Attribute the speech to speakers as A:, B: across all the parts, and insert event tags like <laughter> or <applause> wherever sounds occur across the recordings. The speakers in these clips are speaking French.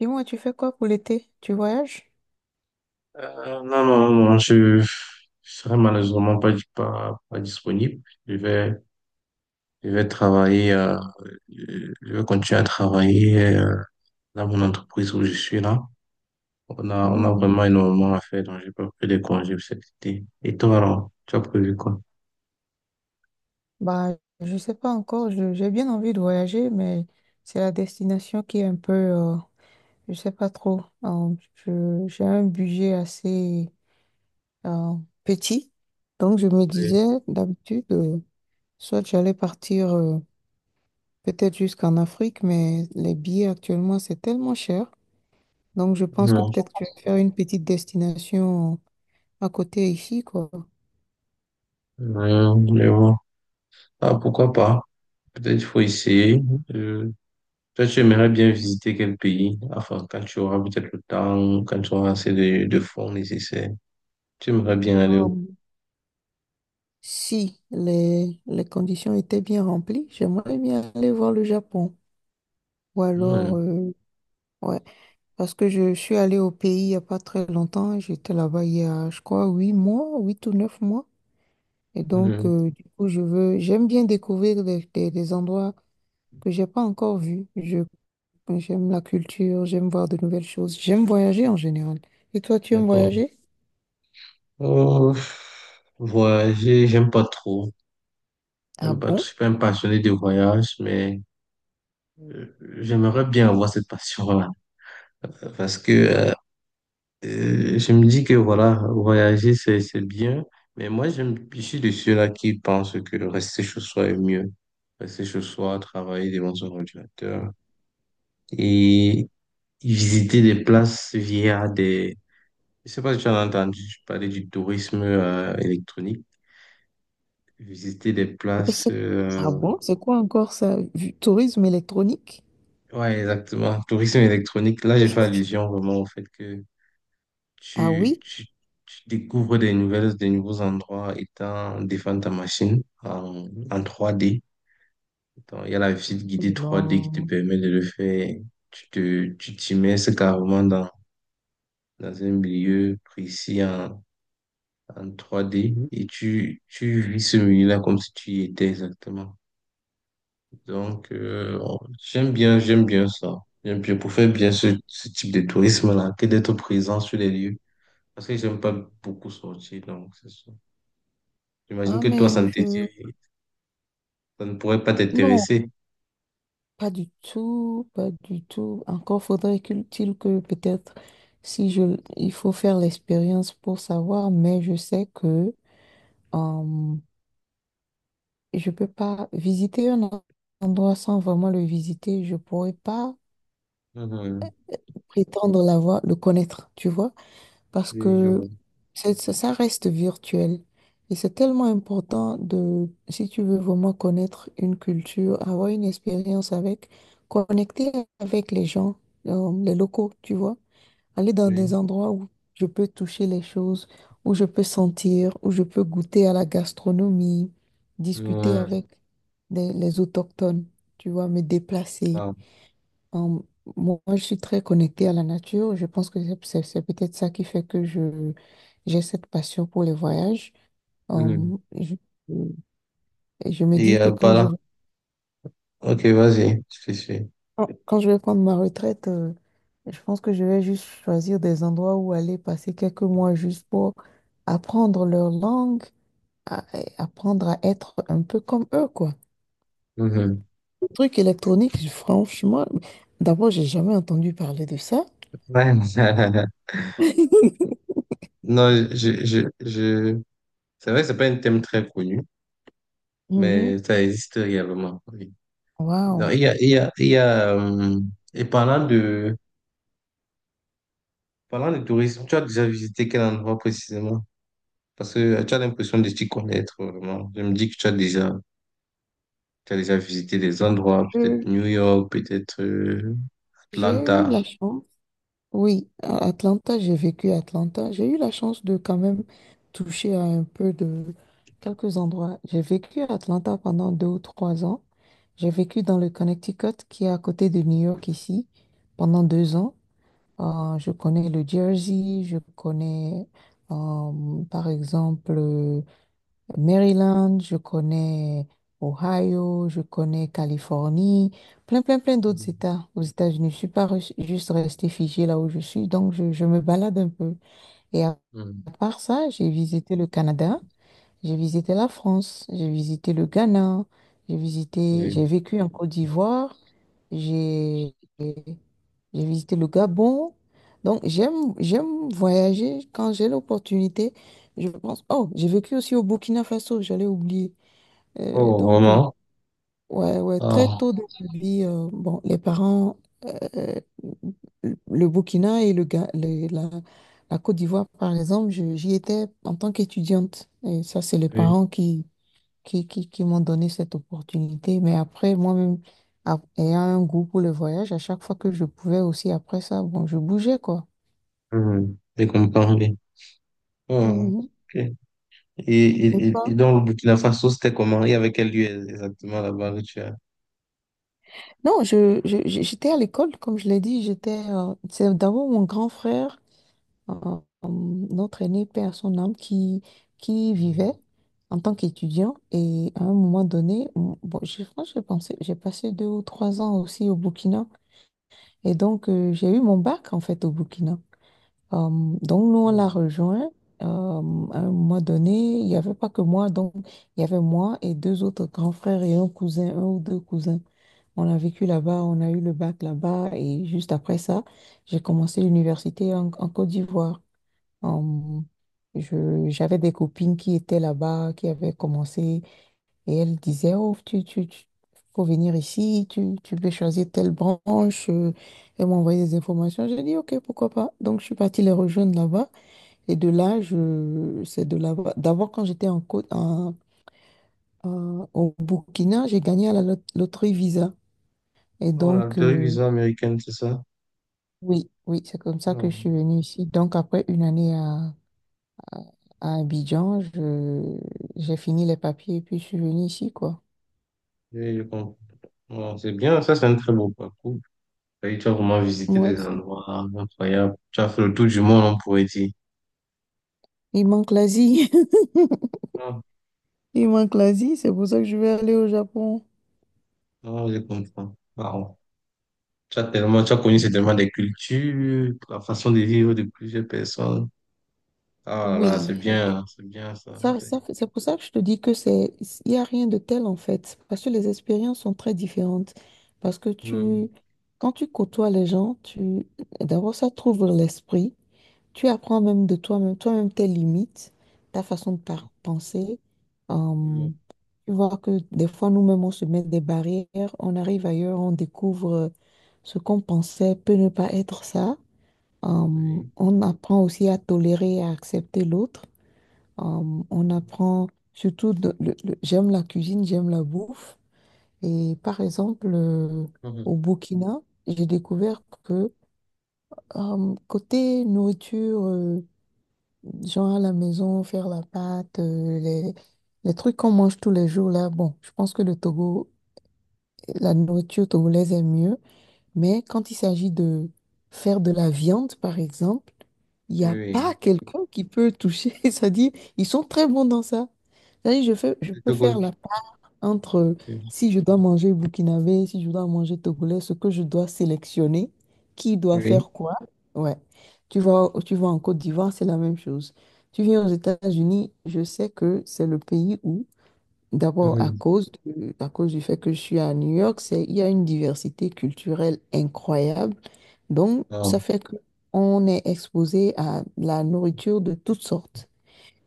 A: Dis-moi, tu fais quoi pour l'été? Tu voyages?
B: Non, non, non, je serai malheureusement pas disponible. Je vais travailler, je vais continuer à travailler dans mon entreprise où je suis là. On a
A: Mm.
B: vraiment énormément à faire, donc j'ai pas pris de congés pour cet été. Et toi, alors, tu as prévu quoi?
A: Bah, je sais pas encore. J'ai bien envie de voyager, mais c'est la destination qui est un peu, je sais pas trop. J'ai un budget assez euh, petit, donc je me
B: Oui.
A: disais d'habitude, soit j'allais partir peut-être jusqu'en Afrique, mais les billets actuellement c'est tellement cher, donc je pense que
B: Non.
A: peut-être que je vais faire une petite destination à côté ici, quoi.
B: Mais bon. Ah, pourquoi pas? Peut-être il faut essayer. Euh, Toi, tu aimerais bien visiter quel pays? Enfin, quand tu auras peut-être le temps, quand tu auras assez de fonds nécessaires. Tu aimerais bien aller où?
A: Si les conditions étaient bien remplies, j'aimerais bien aller voir le Japon. Ou
B: Ouais.
A: alors, ouais, parce que je suis allée au pays il n'y a pas très longtemps. J'étais là-bas il y a, je crois, 8 mois, 8 ou 9 mois. Et donc,
B: Mhm.
A: du coup, j'aime bien découvrir des endroits que j'ai pas encore vus. J'aime la culture, j'aime voir de nouvelles choses. J'aime voyager en général. Et toi, tu aimes
B: D'accord.
A: voyager?
B: Euh, Voyager, j'aime pas trop.
A: Ah
B: J'aime pas, je
A: bon?
B: suis pas un passionné de voyage, mais euh, j'aimerais bien avoir cette passion-là. Parce que je me dis que voilà, voyager, c'est bien. Mais moi, j'aime, je suis de ceux-là qui pensent que rester chez soi est mieux. Rester chez soi, travailler devant son ordinateur et visiter des places via des. Je ne sais pas si tu en as entendu parler du tourisme électronique, visiter des
A: Mais
B: places.
A: c'est- Ah bon? C'est quoi encore ça? Du tourisme électronique?
B: Ouais, exactement. Tourisme électronique. Là, j'ai fait allusion vraiment au fait que
A: Ah
B: tu,
A: oui?
B: tu, tu découvres des nouvelles, des nouveaux endroits étant défendre ta machine en trois d. Donc, il y a la visite
A: Oh
B: guidée trois d qui te
A: non.
B: permet de le faire. Tu t'immerses carrément dans, dans un milieu précis en trois d et tu vis ce milieu-là comme si tu y étais exactement. Donc, j'aime bien ça. J'aime bien pour faire bien ce type de tourisme-là, que d'être présent sur les lieux. Parce que j'aime pas beaucoup sortir, donc c'est ça. J'imagine
A: Ah,
B: que toi,
A: mais je...
B: ça ne pourrait pas
A: Non,
B: t'intéresser.
A: pas du tout, pas du tout. Encore faudrait-il que peut-être, si je... il faut faire l'expérience pour savoir, mais je sais que euh, je peux pas visiter endroit sans vraiment le visiter. Je pourrais pas
B: Mhm.
A: prétendre l'avoir, le connaître, tu vois. Parce
B: Oui, je
A: que
B: vois.
A: ça reste virtuel. Et c'est tellement important de, si tu veux vraiment connaître une culture, avoir une expérience avec, connecter avec les gens, les locaux, tu vois, aller dans des
B: Oui.
A: endroits où je peux toucher les choses, où je peux sentir, où je peux goûter à la gastronomie, discuter avec
B: Mhm.
A: les autochtones, tu vois, me déplacer.
B: Ah.
A: Hum, moi, je suis très connectée à la nature. Je pense que c'est peut-être ça qui fait que j'ai cette passion pour les voyages.
B: Mhm.
A: Hum, je, et je me
B: Et
A: dis que
B: pas là. Ok, vas-y, je te suis.
A: quand je vais prendre ma retraite, je pense que je vais juste choisir des endroits où aller passer quelques mois juste pour apprendre leur langue, et apprendre à être un peu comme eux, quoi.
B: Mhm.
A: Le truc électronique, franchement, d'abord, j'ai jamais entendu parler de ça.
B: Ouais. <laughs>
A: <laughs>
B: Non, je... C'est vrai que c'est pas un thème très connu,
A: Mhm.
B: mais ça existe réellement. Oui. Non,
A: Waouh.
B: il y a, et parlant de tourisme, tu as déjà visité quel endroit précisément? Parce que tu as l'impression de t'y connaître vraiment. Je me dis que tu as déjà visité des endroits, peut-être
A: Je-
B: New York, peut-être
A: J'ai eu
B: Atlanta.
A: la chance, oui, à Atlanta, j'ai vécu à Atlanta. J'ai eu la chance de quand même toucher à un peu de quelques endroits. J'ai vécu à Atlanta pendant 2 ou 3 ans. J'ai vécu dans le Connecticut, qui est à côté de New York ici, pendant 2 ans. Je connais le Jersey, je connais par exemple Maryland, je connais Ohio, je connais Californie, plein, plein, plein d'autres
B: Mhm.
A: États aux États-Unis. Je ne suis pas res- juste restée figée là où je suis, donc je me balade un peu. Et à
B: Mhm.
A: part ça, j'ai visité le Canada, j'ai visité la France, j'ai visité le Ghana,
B: Oui.
A: j'ai vécu en Côte d'Ivoire, j'ai j'ai visité le Gabon. Donc, j'aime voyager quand j'ai l'opportunité. Je pense, oh, j'ai vécu aussi au Burkina Faso, j'allais oublier. Euh,
B: Oh,
A: donc, euh,
B: vraiment?
A: ouais, ouais, très
B: Ah,
A: tôt dans ma vie, bon, les parents, euh, le Burkina et le, Ga- le- la, la Côte d'Ivoire, par exemple, j'y étais en tant qu'étudiante. Et ça, c'est les
B: oui.
A: parents qui m'ont donné cette opportunité. Mais après, moi-même, ayant un goût pour le voyage, à chaque fois que je pouvais aussi, après ça, bon, je bougeais, quoi.
B: Mhm. Je comprends, oui. Ah,
A: Mhm.
B: ok.
A: Et pas-
B: Et dans le Burkina Faso, c'était comment? Il y avait quel lieu exactement là-bas que tu as?
A: Non, j'étais à l'école, comme je l'ai dit, j'étais, c'est d'abord mon grand frère, euh, notre aîné, père à son âme, qui vivait en tant qu'étudiant. Et à un moment donné, bon, j'ai pensé, j'ai passé 2 ou 3 ans aussi au Burkina. Et donc, j'ai eu mon bac, en fait, au Burkina. Euh, donc, nous, on l'a
B: Mhm.
A: rejoint. À un moment donné, il n'y avait pas que moi. Donc, il y avait moi et deux autres grands frères et un cousin, un ou deux cousins. On a vécu là-bas, on a eu le bac là-bas. Et juste après ça, j'ai commencé l'université en Côte d'Ivoire. Euh, J'avais des copines qui étaient là-bas, qui avaient commencé. Et elle disait, oh, faut venir ici, tu peux choisir telle branche. Elle m'envoyait des informations. J'ai dit, OK, pourquoi pas. Donc, je suis partie les rejoindre là-bas. Et de là, c'est de là-bas. D'abord, quand j'étais en, Côte- en- en- au Burkina, j'ai gagné à la loterie Visa. Et
B: Non, la
A: donc,
B: visa américaine, c'est ça?
A: oui, oui, c'est comme ça que je suis venue ici. Donc, après une année à, à Abidjan, j'ai fini les papiers et puis je suis venue ici, quoi.
B: Oui, je comprends. Bon, c'est bien, ça c'est un très beau parcours. Et tu as vraiment visité
A: Moi,
B: des endroits incroyables. Tu as fait le tour du monde, on pourrait dire.
A: il manque l'Asie. <laughs>
B: Ah,
A: Il manque l'Asie, c'est pour ça que je vais aller au Japon.
B: non, je comprends. Wow. Tu as tellement, tu as connu certainement des cultures, la façon de vivre de plusieurs personnes. Ah là, là,
A: Oui,
B: c'est bien ça.
A: c'est pour ça que je te dis que c'est, il n'y a rien de tel en fait, parce que les expériences sont très différentes. Parce que
B: Hum,
A: tu, quand tu côtoies les gens, d'abord ça t'ouvre l'esprit, tu apprends même de toi-même, toi-même tes limites, ta façon de
B: Oui,
A: penser. Euh,
B: hum,
A: tu vois que des fois nous-mêmes on se met des barrières, on arrive ailleurs, on découvre ce qu'on pensait peut ne pas être ça.
B: oui,
A: On apprend aussi à tolérer et à accepter l'autre. Euh, on
B: hum,
A: apprend surtout, j'aime la cuisine, j'aime la bouffe. Et par exemple,
B: hum,
A: au Burkina, j'ai découvert que côté nourriture, genre à la maison, faire la pâte, les trucs qu'on mange tous les jours là, bon, je pense que le Togo, la nourriture togolaise est mieux. Mais quand il s'agit de faire de la viande, par exemple, il n'y
B: oui.
A: a pas
B: Oui.
A: quelqu'un qui peut toucher. <laughs> Ça dit, ils sont très bons dans ça. C'est-à-dire, je
B: C'est
A: peux
B: tout
A: faire
B: cool.
A: la part entre
B: Oui.
A: si je dois manger burkinabé, si je dois manger togolais, ce que je dois sélectionner, qui doit
B: Oui.
A: faire quoi. Ouais. Tu vois, tu vas en Côte d'Ivoire, c'est la même chose. Tu viens aux États-Unis, je sais que c'est le pays où, d'abord
B: Hum,
A: à cause du fait que je suis à New York, c'est, il y a une diversité culturelle incroyable. Donc,
B: ah,
A: ça fait qu'on est exposé à la nourriture de toutes sortes.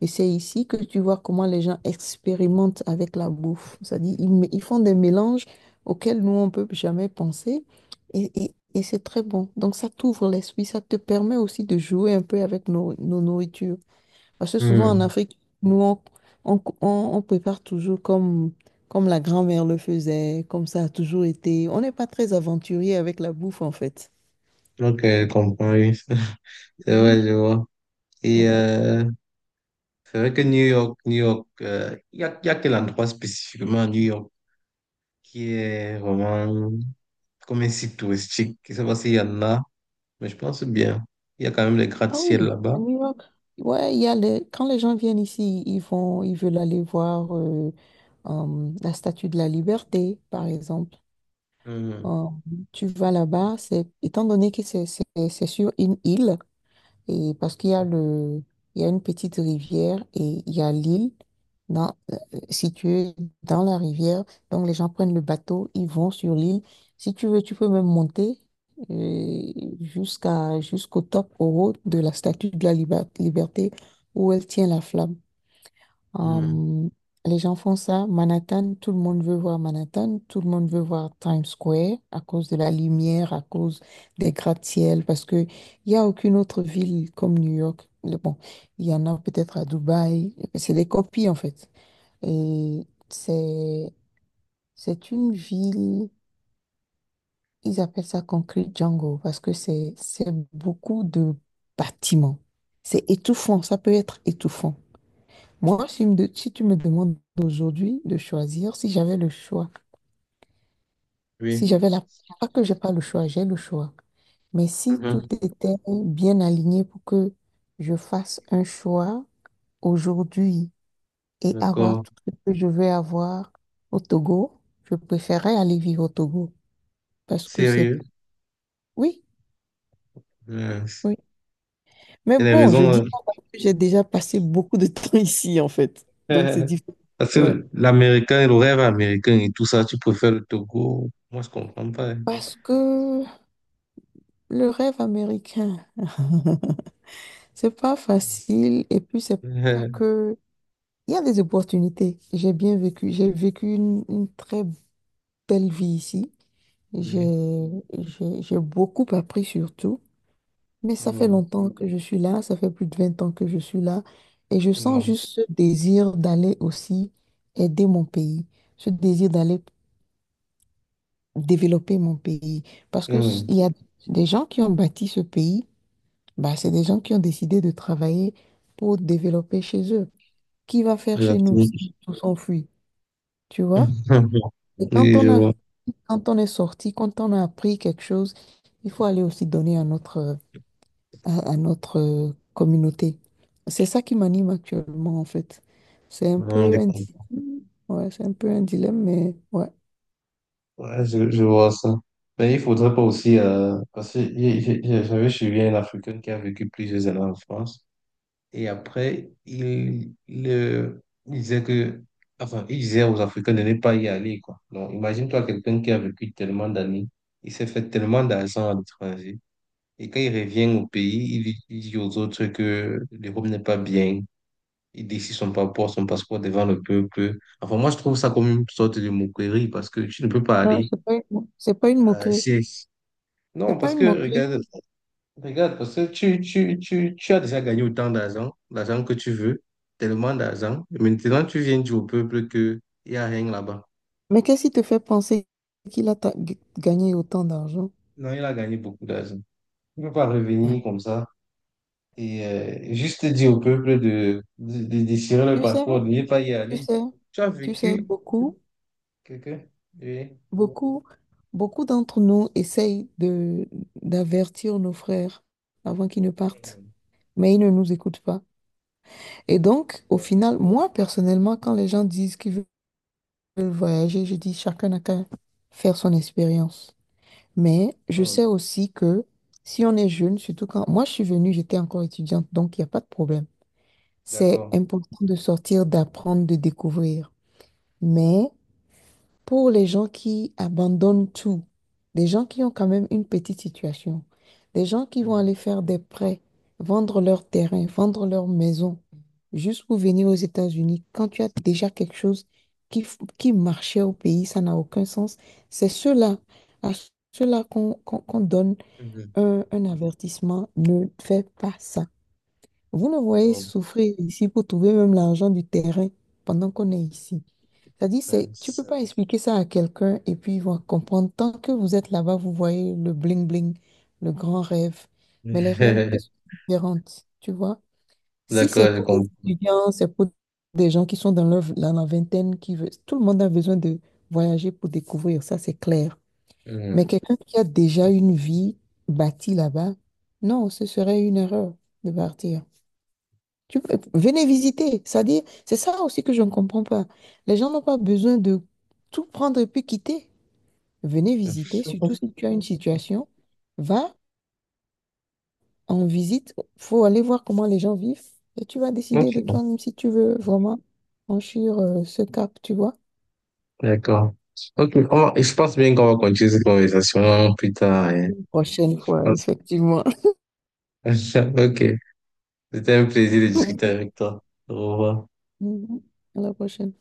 A: Et c'est ici que tu vois comment les gens expérimentent avec la bouffe. C'est-à-dire, ils font des mélanges auxquels nous, on ne peut jamais penser. Et c'est très bon. Donc, ça t'ouvre l'esprit. Ça te permet aussi de jouer un peu avec nos nourritures. Parce que souvent, en
B: hum.
A: Afrique, nous, on prépare toujours comme la grand-mère le faisait, comme ça a toujours été. On n'est pas très aventurier avec la bouffe, en fait.
B: Ok, je comprends, oui. <laughs> C'est
A: Mhm.
B: vrai, je vois. Et c'est vrai que New York, New York, il y a quel endroit spécifiquement à New York qui est vraiment comme un site touristique. Je ne sais pas s'il y en a, mais je pense bien. Il y a quand même des
A: Ah
B: gratte-ciel
A: oui, à
B: là-bas.
A: New York. Ouais, il y a les... quand les gens viennent ici, ils veulent aller voir la Statue de la Liberté, par exemple.
B: Hum,
A: Euh, tu vas là-bas, c'est étant donné que c'est sur une île. Et parce qu'il y a une petite rivière et il y a l'île dans, euh, située dans la rivière. Donc les gens prennent le bateau, ils vont sur l'île. Si tu veux, tu peux même monter euh, jusqu'au top, au haut de la statue de la liberté où elle tient la flamme.
B: hum,
A: Euh, les gens font ça. Manhattan, tout le monde veut voir Manhattan, tout le monde veut voir Times Square à cause de la lumière, à cause des gratte-ciel, parce que il y a aucune autre ville comme New York. Bon, il y en a peut-être à Dubaï. C'est des copies en fait. Et c'est une ville. Ils appellent ça Concrete Jungle parce que c'est beaucoup de bâtiments. C'est étouffant. Ça peut être étouffant. Moi, si tu me demandes aujourd'hui de choisir, si j'avais le choix, si
B: oui,
A: j'avais la... pas que j'ai pas le choix, j'ai le choix. Mais si tout
B: mhm.
A: était bien aligné pour que je fasse un choix aujourd'hui et avoir
B: D'accord.
A: tout ce que je veux avoir au Togo, je préférerais aller vivre au Togo. Parce que c'est...
B: Sérieux?
A: Oui,
B: Hum.
A: oui. Mais
B: Il y a des
A: bon, je
B: raisons.
A: dis ça parce que j'ai déjà passé beaucoup de <laughs> temps ici, en fait. Donc, c'est
B: euh. <laughs>
A: difficile.
B: Parce
A: Ouais.
B: que l'américain, le rêve américain et tout ça, tu préfères le Togo. Moi, je comprends pas, hein.
A: Parce que le rêve américain. <laughs> C'est pas facile et puis c'est pas
B: <laughs>
A: que... il y a des opportunités. J'ai bien vécu. J'ai vécu une très belle vie ici.
B: Oui.
A: J'ai, j'ai beaucoup appris surtout. Mais ça fait
B: Non.
A: longtemps que je suis là. Ça fait plus de 20 ans que je suis là. Et je sens
B: Non.
A: juste ce désir d'aller aussi aider mon pays. Ce désir d'aller développer mon pays. Parce que
B: Hum.
A: il y a des gens qui ont bâti ce pays. Bah, c'est des gens qui ont décidé de travailler pour développer chez eux. Qui va faire chez nous si tout s'enfuit, tu vois?
B: <laughs>
A: Et quand
B: Oui, je
A: on a,
B: vois.
A: quand on est sorti, quand on a appris quelque chose, il faut aller aussi donner à à notre communauté. C'est ça qui m'anime actuellement, en fait. C'est un
B: Non,
A: peu
B: les
A: un
B: comptes.
A: dilemme, ouais, c'est un peu un dilemme, mais ouais.
B: Ouais, je vois ça. Mais il faudrait pas aussi, parce que j'avais suivi un Africain qui a vécu plusieurs années en France. Et après, il disait que, enfin, il disait aux Africains de ne pas y aller, quoi. Donc, imagine-toi quelqu'un qui a vécu tellement d'années, il s'est fait tellement d'argent à l'étranger. Et quand il revient au pays, il dit aux autres que l'Europe n'est pas bien, il décide son passeport devant le peuple. Enfin, moi, je trouve ça comme une sorte de moquerie parce que tu ne peux pas
A: Non,
B: aller
A: c'est pas une
B: euh,
A: moquerie.
B: chez- non,
A: C'est pas
B: parce
A: une
B: que
A: moquerie.
B: regarde, regarde, parce que tu as déjà gagné autant d'argent, l'argent que tu veux, tellement d'argent. Et maintenant, tu viens dire au peuple qu'il n'y a rien là-bas.
A: Mais qu'est-ce qui te fait penser qu'il a gagné autant d'argent?
B: Non, il a gagné beaucoup d'argent. Il ne peut pas revenir comme ça et juste dire au peuple de déchirer le
A: Tu sais,
B: passeport, de ne pas y
A: tu
B: aller.
A: sais,
B: Tu as
A: tu sais
B: vécu
A: beaucoup.
B: quelqu'un? Oui.
A: Beaucoup, beaucoup d'entre nous essayent de d'avertir nos frères avant qu'ils ne partent, mais ils ne nous écoutent pas. Et donc, au final, moi personnellement, quand les gens disent qu'ils veulent voyager, je dis chacun n'a qu'à faire son expérience. Mais je
B: Mhm.
A: sais aussi que si on est jeune, surtout quand moi je suis venue, j'étais encore étudiante, donc il n'y a pas de problème. C'est
B: D'accord. <laughs>
A: important de sortir, d'apprendre, de découvrir. Mais pour les gens qui abandonnent tout, des gens qui ont quand même une petite situation, des gens qui vont
B: Mhm.
A: aller faire des prêts, vendre leur terrain, vendre leur maison, juste pour venir aux États-Unis, quand tu as déjà quelque chose qui marchait au pays, ça n'a aucun sens. C'est ceux-là, à ceux-là qu'on donne
B: Mhm.
A: un avertissement, ne fais pas ça. Vous nous voyez
B: Bon,
A: souffrir ici pour trouver même l'argent du terrain pendant qu'on est ici. C'est-à-dire, tu peux
B: c'est-
A: pas expliquer ça à quelqu'un et puis il va comprendre. Tant que vous êtes là-bas, vous voyez le bling-bling, le grand rêve. Mais les réalités sont
B: <laughs>
A: différentes, tu vois. Si c'est
B: D'accord, je
A: pour des
B: comprends.
A: étudiants, c'est pour des gens qui sont dans dans la vingtaine, qui veulent, tout le monde a besoin de voyager pour découvrir, ça c'est clair. Mais
B: Mhm.
A: quelqu'un qui a déjà une vie bâtie là-bas, non, ce serait une erreur de partir. Tu- Venez visiter. C'est-à-dire, c'est ça aussi que je ne comprends pas. Les gens n'ont pas besoin de tout prendre et puis quitter. Venez visiter, surtout si tu as une situation. Va en visite. Faut aller voir comment les gens vivent et tu vas
B: Ok,
A: décider de toi-même si tu veux vraiment franchir ce cap, tu vois.
B: d'accord. Ok, et je pense bien qu'on va continuer cette conversation plus tard, hein.
A: Prochaine
B: Je
A: fois,
B: pense.
A: effectivement.
B: <laughs> Ok, c'était un plaisir de discuter
A: <laughs>
B: avec toi. Au revoir.
A: Mhm. À la prochaine.